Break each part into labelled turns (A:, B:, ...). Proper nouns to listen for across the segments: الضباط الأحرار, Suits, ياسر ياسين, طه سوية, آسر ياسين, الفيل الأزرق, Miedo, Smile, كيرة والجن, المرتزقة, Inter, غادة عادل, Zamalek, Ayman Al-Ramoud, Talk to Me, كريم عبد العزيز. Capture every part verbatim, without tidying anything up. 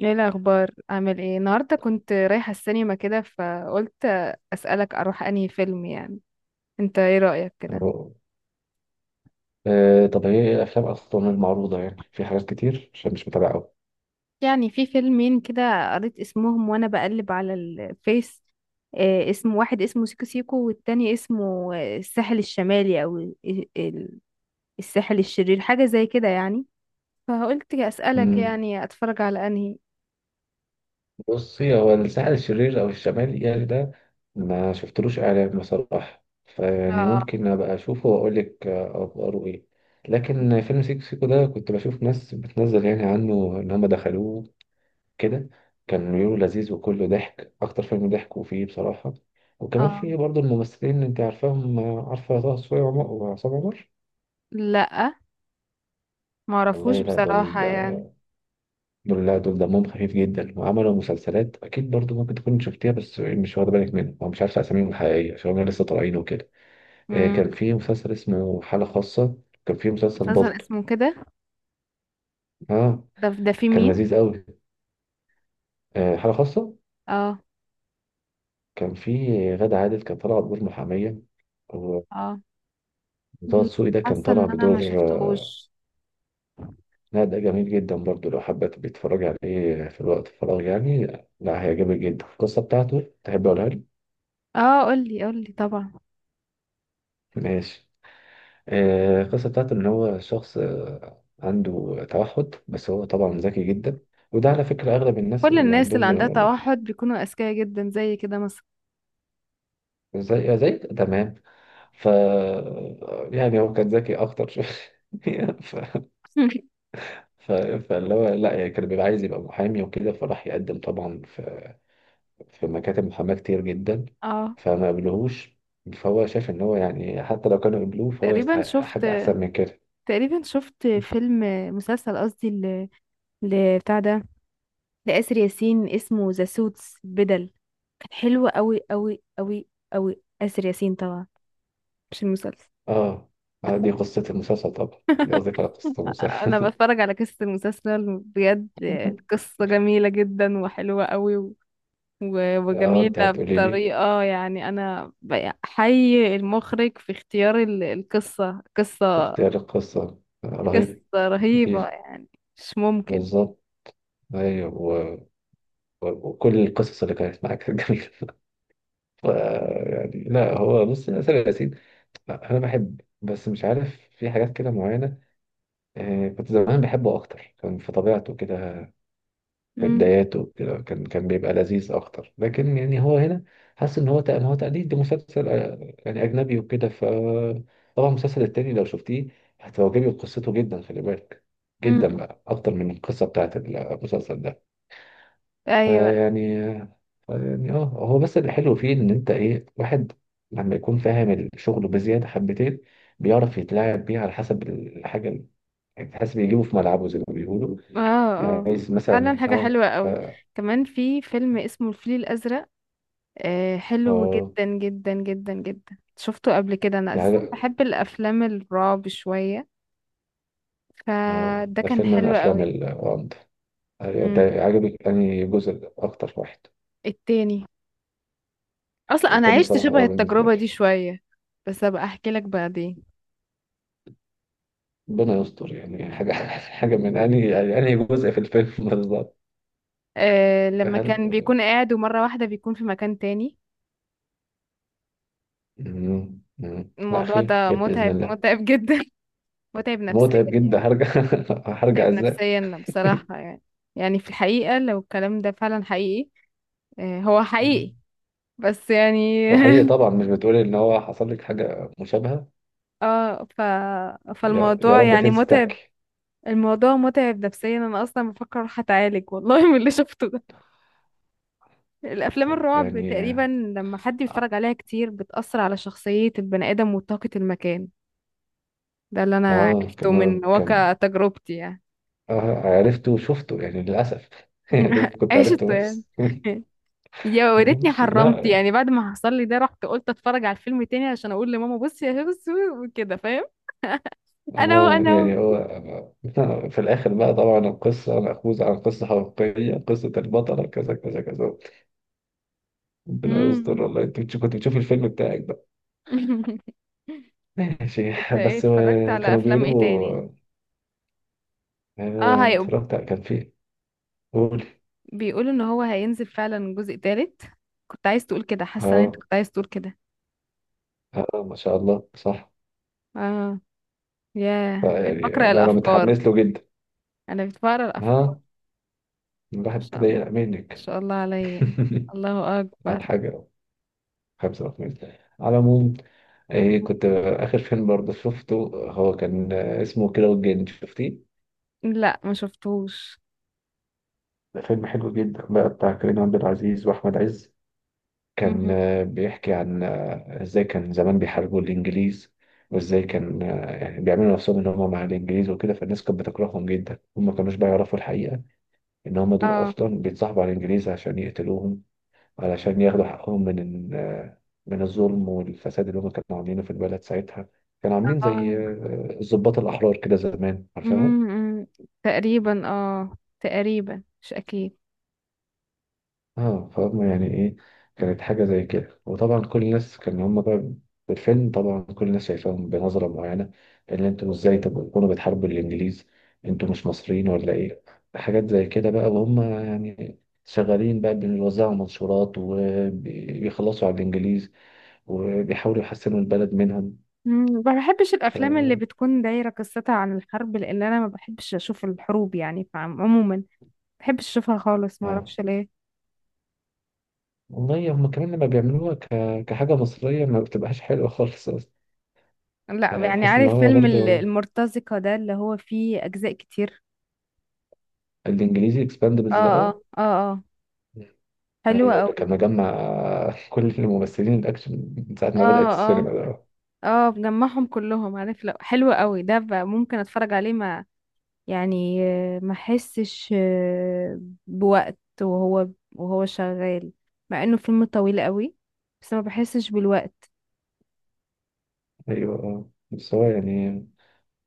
A: ايه الاخبار؟ عامل ايه النهارده؟ كنت رايحه السينما كده، فقلت اسالك اروح انهي فيلم يعني. انت ايه رايك كده؟
B: أه آه، طب هي إيه الأفلام أصلا المعروضة يعني في حاجات كتير عشان مش متابع أوي.
A: يعني في فيلمين كده قريت اسمهم وانا بقلب على الفيس. آه اسم واحد اسمه سيكو سيكو، والتاني اسمه آه، الساحل الشمالي او ال- ال- الساحل الشرير، حاجه زي كده يعني. فقلت اسالك
B: مم.
A: يعني اتفرج على انهي.
B: بصي، هو الساحل الشرير أو الشمالي يعني ده ما شفتلوش إعلان بصراحة. فيعني
A: اه،
B: ممكن أبقى أشوفه وأقول لك آه، أخباره إيه. لكن فيلم سيكو سيكو ده كنت بشوف ناس بتنزل يعني عنه إن هم دخلوه كده، كان بيقولوا لذيذ وكله ضحك، أكتر فيلم ضحك وفيه بصراحة. وكمان
A: اه،
B: فيه برضه الممثلين اللي أنت عارفاهم، آه، عارفة طه سوية وعم- وعصام عمر.
A: لا، معرفوش
B: والله لا دول،
A: بصراحه يعني.
B: دول لا دول دمهم خفيف جدا وعملوا مسلسلات اكيد برضو، ممكن تكون شفتيها بس مش واخده بالك منها، او مش عارفه اساميهم الحقيقيه عشان هم لسه طالعين وكده. آه،
A: امم.
B: كان في مسلسل اسمه حاله خاصه، كان في مسلسل
A: مسلسل
B: ضغط.
A: اسمه كده؟
B: اه،
A: ده ده في
B: كان
A: مين؟
B: لذيذ قوي. آه، حاله خاصه،
A: اه،
B: كان في غادة عادل كان طالعه بدور محاميه، وطه
A: اه، لا،
B: دسوقي ده كان
A: حاسه
B: طالع
A: ان انا ما
B: بدور آه،
A: شفتهوش.
B: لا ده جميل جدا برضو، لو حابه تبقي تتفرجي عليه في الوقت الفراغ يعني. لا، هيعجبك جدا، القصه بتاعته تحب اقولها لك؟
A: اه، قولي قولي طبعا.
B: ماشي. آه، القصة بتاعته إن هو شخص آه، عنده توحد، بس هو طبعا ذكي جدا. وده على فكرة أغلب الناس
A: كل
B: اللي
A: الناس
B: عندهم.
A: اللي عندها توحد بيكونوا اذكياء جدا زي كده مثلا.
B: زي زي تمام. ف يعني هو كان ذكي أكتر شوية ف... ف... فاللي هو، لا يعني كان بيبقى عايز يبقى محامي وكده، فراح يقدم طبعا في, في مكاتب محاماة كتير جدا
A: اه،
B: فما قبلوهوش. فهو شايف إن هو يعني حتى لو كانوا قبلوه فهو
A: تقريبا
B: يستحق
A: شفت
B: حاجة أحسن من كده.
A: تقريبا شفت فيلم، مسلسل قصدي، ل... ل... بتاع ده، لآسر ياسين، اسمه ذا سوتس بدل. كانت حلوة قوي قوي قوي قوي، آسر ياسين طبعا، مش المسلسل.
B: آه، آه، دي قصة المسلسل طبعا، دي قصدي على قصة
A: انا
B: المسلسل.
A: بتفرج على قصة المسلسل، بجد القصة جميلة جدا وحلوة قوي، و-
B: اه،
A: وجميلة
B: انت هتقولي لي
A: بطريقة، يعني أنا حي المخرج في اختيار ال- القصة، قصة
B: اختيار القصة آه،
A: قصة
B: رهيب
A: رهيبة
B: كتير،
A: يعني، مش ممكن.
B: بالظبط. ايوه و... و... وكل القصص اللي كانت معاك كانت جميلة ف... يعني لا، هو بص، ياسر ياسين، لا، انا بحب بس مش عارف في حاجات كده معينة. آه، كنت زمان بحبه اكتر، كان في طبيعته كده، في
A: مم.
B: بداياته كده، كان كان بيبقى لذيذ اكتر، لكن يعني هو هنا حاسس ان هو تق- هو تقليد لمسلسل آه، يعني اجنبي وكده. ف طبعا المسلسل التاني لو شفتيه هتعجبك قصته جدا، خلي بالك،
A: مم.
B: جدا بقى، اكتر من القصه بتاعت المسلسل ده.
A: أيوة،
B: فيعني يعني اه، هو بس اللي حلو فيه ان انت ايه، واحد لما يكون فاهم الشغل بزياده حبتين بيعرف يتلاعب بيه على حسب الحاجه اللي، يعني حاسس بيجيبه في ملعبه زي ما بيقولوا،
A: اه،
B: يعني
A: اه،
B: عايز
A: فعلا
B: مثلا
A: حاجة
B: اه.
A: حلوة
B: ف
A: قوي. كمان في فيلم اسمه الفيل الأزرق، آه حلو
B: اه،
A: جدا جدا جدا جدا، شفته قبل كده، أنا
B: دي
A: أساسا
B: حاجة.
A: بحب الأفلام الرعب شوية،
B: آه،
A: فده
B: ده
A: كان
B: فيلم من
A: حلو
B: الأفلام
A: قوي.
B: الغامضة. أيوة، أنت
A: مم.
B: عجبك أنهي جزء أكتر؟ واحد؟
A: التاني. اصلا انا
B: التاني
A: عشت
B: بصراحة
A: شبه
B: أه بالنسبة
A: التجربه
B: لي.
A: دي شويه، بس ابقى احكي لك بعدين.
B: ربنا يستر، يعني يعني حاجة حاجة من أنهي يعني أنهي جزء في الفيلم بالظبط.
A: أه، لما
B: هل
A: كان بيكون قاعد ومره واحده بيكون في مكان تاني.
B: مم، مم. لا،
A: الموضوع
B: خير
A: ده
B: خير بإذن
A: متعب،
B: الله.
A: متعب جدا. متعب نفسيا
B: متعب جدا،
A: يعني،
B: هرجع هرجع
A: متعب
B: إزاي.
A: نفسيا بصراحه، يعني يعني في الحقيقه لو الكلام ده فعلا حقيقي. أه هو حقيقي،
B: مم.
A: بس يعني.
B: وحقيقي طبعا، مش بتقولي إن هو حصل لك حاجة مشابهة.
A: اه، ف...
B: يا يا
A: فالموضوع
B: رب
A: يعني
B: تنسي
A: متعب.
B: تحكي.
A: الموضوع متعب نفسيا، انا اصلا بفكر اروح اتعالج والله من اللي شفته. الافلام
B: طب
A: الرعب
B: يعني،
A: تقريبا، لما حد بيتفرج عليها كتير بتأثر على شخصية البني ادم وطاقة المكان، ده اللي انا
B: آه، كان
A: عرفته من
B: كان
A: واقع تجربتي يعني.
B: اه عرفته وشفته يعني للأسف يا ريت كنت
A: عشت
B: عرفته
A: يعني.
B: بس
A: يا وريتني
B: ماشي.
A: حرمت،
B: لا
A: يعني بعد ما حصل لي ده رحت قلت اتفرج على الفيلم تاني عشان اقول لماما بصي يا بصي وكده فاهم. انا هو
B: اه
A: انا هو
B: يعني هو آه، في الآخر بقى طبعا القصة مأخوذة عن قصة حقيقية، قصة البطلة كذا كذا كذا. ربنا يستر
A: مم.
B: والله. انت بتش- كنت بتشوف الفيلم بتاعك بقى؟ ماشي.
A: انت ايه،
B: بس
A: اتفرجت
B: آه،
A: على
B: كانوا
A: افلام ايه تاني؟
B: بيقولوا،
A: اه،
B: آه،
A: هي
B: اتفرجت على- كان فيه. قول.
A: بيقولوا ان هو هينزل فعلا جزء تالت. كنت عايز تقول كده، حاسه ان انت
B: اه
A: كنت عايز تقول كده،
B: اه، ما شاء الله صح.
A: اه. ياه، بقيت
B: يعني
A: بقرأ
B: لا، انا
A: الأفكار،
B: متحمس له جدا.
A: أنا بقيت بقرأ الأفكار، ما
B: ها، الواحد
A: شاء
B: ابتدى
A: الله، ما
B: يقلق منك
A: شاء الله عليا، الله
B: على
A: أكبر.
B: حاجة. خمسة وثلاثين على العموم. إيه كنت، آخر فيلم برضه شفته هو كان آه، اسمه كيرة والجن، شفتيه؟
A: لا ما شفتوش.
B: ده فيلم حلو جدا بقى، بتاع كريم عبد العزيز وأحمد عز. كان
A: مم.
B: آه، بيحكي عن آه، إزاي كان زمان بيحاربوا الإنجليز، وإزاي كان آه، يعني بيعملوا نفسهم إن هم مع الإنجليز وكده، فالناس كانت بتكرههم جدا، هم ما كانوش بقى يعرفوا الحقيقة إن هم دول
A: اه،
B: أصلا بيتصاحبوا على الإنجليز عشان يقتلوهم، علشان ياخدوا حقهم من ال- من الظلم والفساد اللي هم كانوا عاملينه في البلد ساعتها. كانوا عاملين
A: اه،
B: زي آه، الضباط الأحرار كده زمان، عارفاهم؟
A: مم، مم. تقريبا، اه تقريبا مش أكيد.
B: اه، فهم يعني ايه، كانت حاجة زي كده. وطبعا كل الناس كان هم بقى في الفيلم طبعا كل الناس شايفاهم بنظرة معينة، ان انتوا ازاي تكونوا بتحاربوا الانجليز، انتوا مش مصريين ولا ايه، حاجات زي كده بقى. وهم يعني شغالين بقى بيوزعوا منشورات وبيخلصوا على الانجليز، وبيحاولوا يحسنوا البلد منهم.
A: مم. ما بحبش
B: ف
A: الأفلام اللي بتكون دايرة قصتها عن الحرب، لأن أنا ما بحبش أشوف الحروب يعني، فعموما ما بحبش أشوفها خالص، ما
B: اه،
A: أعرفش ليه.
B: والله هم كمان لما بيعملوها ك... كحاجة مصرية ما بتبقاش حلوة خالص أصلا،
A: لا يعني
B: هتحس إن
A: عارف
B: هو
A: فيلم ال-
B: برضه.
A: المرتزقة ده اللي هو فيه أجزاء كتير.
B: الإنجليزي
A: اه،
B: إكسباندبلز ده،
A: اه،
B: اه
A: اه، اه، حلوة
B: أيوه، اللي
A: أوي.
B: كان مجمع كل الممثلين الأكشن من ساعة ما بدأت
A: اه، اه،
B: السينما ده، اه
A: اه، بجمعهم كلهم، عارف لو حلو قوي ده بقى ممكن اتفرج عليه ما يعني. آه، ما احسش آه، بوقت وهو وهو شغال، مع انه فيلم طويل قوي، بس ما بحسش بالوقت.
B: أيوه. اه بس هو يعني،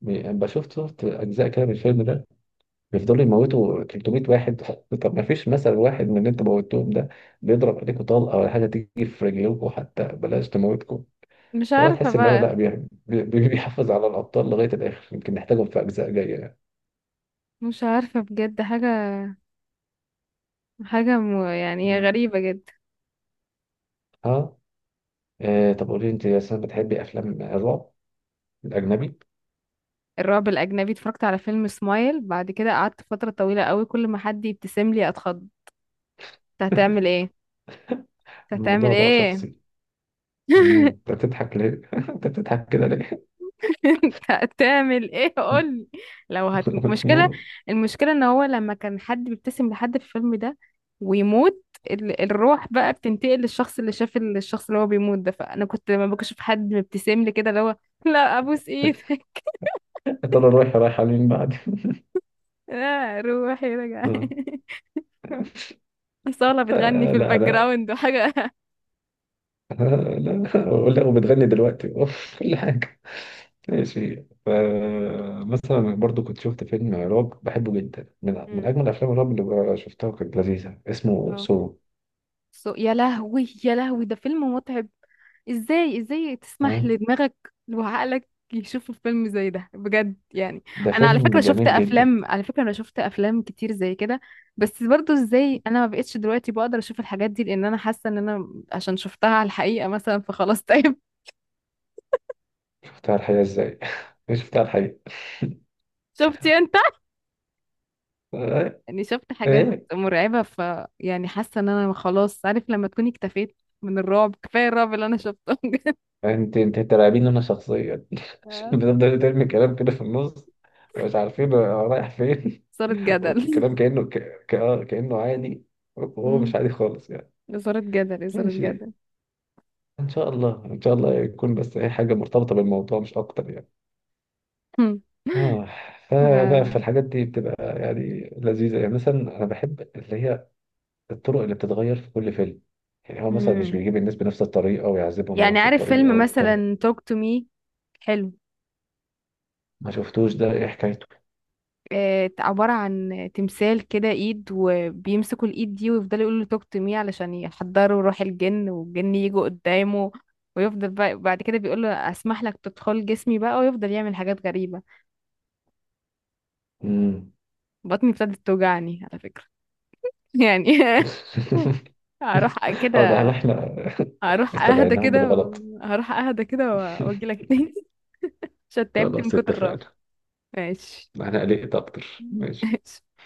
B: بي- يعني بشوف، شفت أجزاء كده من الفيلم ده بيفضلوا يموتوا تلتمية واحد طب ما فيش مثل واحد من اللي أنتوا موتوهم ده بيضرب عليكم طلقة، ولا حاجة تيجي في رجلكم حتى بلاش تموتكم.
A: مش
B: فهو
A: عارفة
B: تحس ان هو
A: بقى،
B: لا، بي- بي- بيحافظ على الابطال لغايه الاخر، يمكن نحتاجهم في اجزاء جايه يعني.
A: مش عارفة بجد حاجة حاجة م... يعني هي
B: مم.
A: غريبة جدا.
B: اه، آه، طب قولي انت يا سنة، بتحبي افلام الرعب الاجنبي؟
A: الرعب الأجنبي، اتفرجت على فيلم سمايل، بعد كده قعدت فترة طويلة قوي كل ما حد يبتسم لي اتخض. أنت هتعمل ايه؟ أنت هتعمل
B: الموضوع بقى
A: ايه؟
B: شخصي. مم. انت بتضحك ليه؟ انت بتضحك كده ليه؟
A: انت هتعمل ايه، قولي. لو هت... مشكلة. المشكلة ان هو لما كان حد بيبتسم لحد في الفيلم ده ويموت، ال... الروح بقى بتنتقل للشخص اللي شاف ال- الشخص اللي هو بيموت ده. فانا كنت لما بشوف حد مبتسم لي كده اللي هو، لا ابوس ايدك.
B: يا ترى رايحه رايحه لمين بعد؟
A: لا روحي رجع.
B: آه،
A: صالة بتغني
B: آه،
A: في
B: لا
A: الباك
B: لا،
A: جراوند وحاجة.
B: آه، لا ولا وبتغني دلوقتي كل حاجه. ماشي. فمثلا برضو كنت شفت فيلم رعب بحبه جدا، من من
A: مم.
B: أجمل أفلام الرعب اللي شفتها، وكانت لذيذة، اسمه
A: اه.
B: سو.
A: صو- يا لهوي، يا لهوي ده فيلم متعب. ازاي، ازاي
B: ها،
A: تسمح لدماغك وعقلك يشوفوا فيلم زي ده بجد يعني.
B: ده
A: انا على
B: فيلم
A: فكره شفت
B: جميل جدا.
A: افلام، على فكره انا شفت افلام كتير زي كده، بس برضو ازاي انا ما بقتش دلوقتي بقدر اشوف الحاجات دي، لان انا حاسه ان انا عشان شفتها على الحقيقه مثلا، فخلاص طيب.
B: شفتها على الحقيقة إزاي؟ شفتها على الحقيقة.
A: شفتي انت،
B: آه،
A: يعني شفت حاجات
B: إيه.
A: مرعبه، ف يعني حاسه ان انا خلاص، عارف لما تكوني اكتفيت من الرعب، كفايه الرعب اللي انا شفته بجد.
B: أنت، أنت ترعبين أنا شخصيا
A: آه.
B: بتفضل ترمي كلام كده في النص، مش عارفين هو رايح فين
A: اثاره جدل.
B: والكلام كأنه ك... ك... آه، كأنه عادي وهو
A: مم.
B: مش عادي خالص يعني.
A: اثاره جدل، اثاره
B: ماشي.
A: جدل.
B: ان شاء الله ان شاء الله يكون، بس اي حاجه مرتبطه بالموضوع مش اكتر يعني.
A: مم.
B: اه، فبقى في
A: آه.
B: الحاجات دي بتبقى يعني لذيذة. يعني مثلا أنا بحب اللي هي الطرق اللي بتتغير في كل فيلم، يعني هو مثلا مش
A: مم.
B: بيجيب الناس بنفس الطريقة ويعذبهم
A: يعني
B: بنفس
A: عارف
B: الطريقة
A: فيلم
B: والكلام ده.
A: مثلا Talk to Me؟ حلو.
B: ما شفتوش، ده إيه حكايته؟
A: آه، عبارة عن تمثال كده ايد، وبيمسكوا الايد دي ويفضلوا يقولوا له talk to me علشان يحضروا روح الجن، والجن يجوا قدامه، ويفضل بقى بعد كده بيقول له اسمح لك تدخل جسمي بقى، ويفضل يعمل حاجات غريبة.
B: مم.
A: بطني ابتدت توجعني على فكرة. يعني. هروح
B: اه ده، هل
A: كده،
B: إحنا
A: هروح اهدى
B: استدعيناهم
A: كده،
B: بالغلط؟
A: و- هروح اهدى كده واجي لك تاني عشان تعبت من
B: خلاص
A: كتر الرعب.
B: اتفقنا.
A: ماشي.
B: أنا قلقت أكتر، ماشي.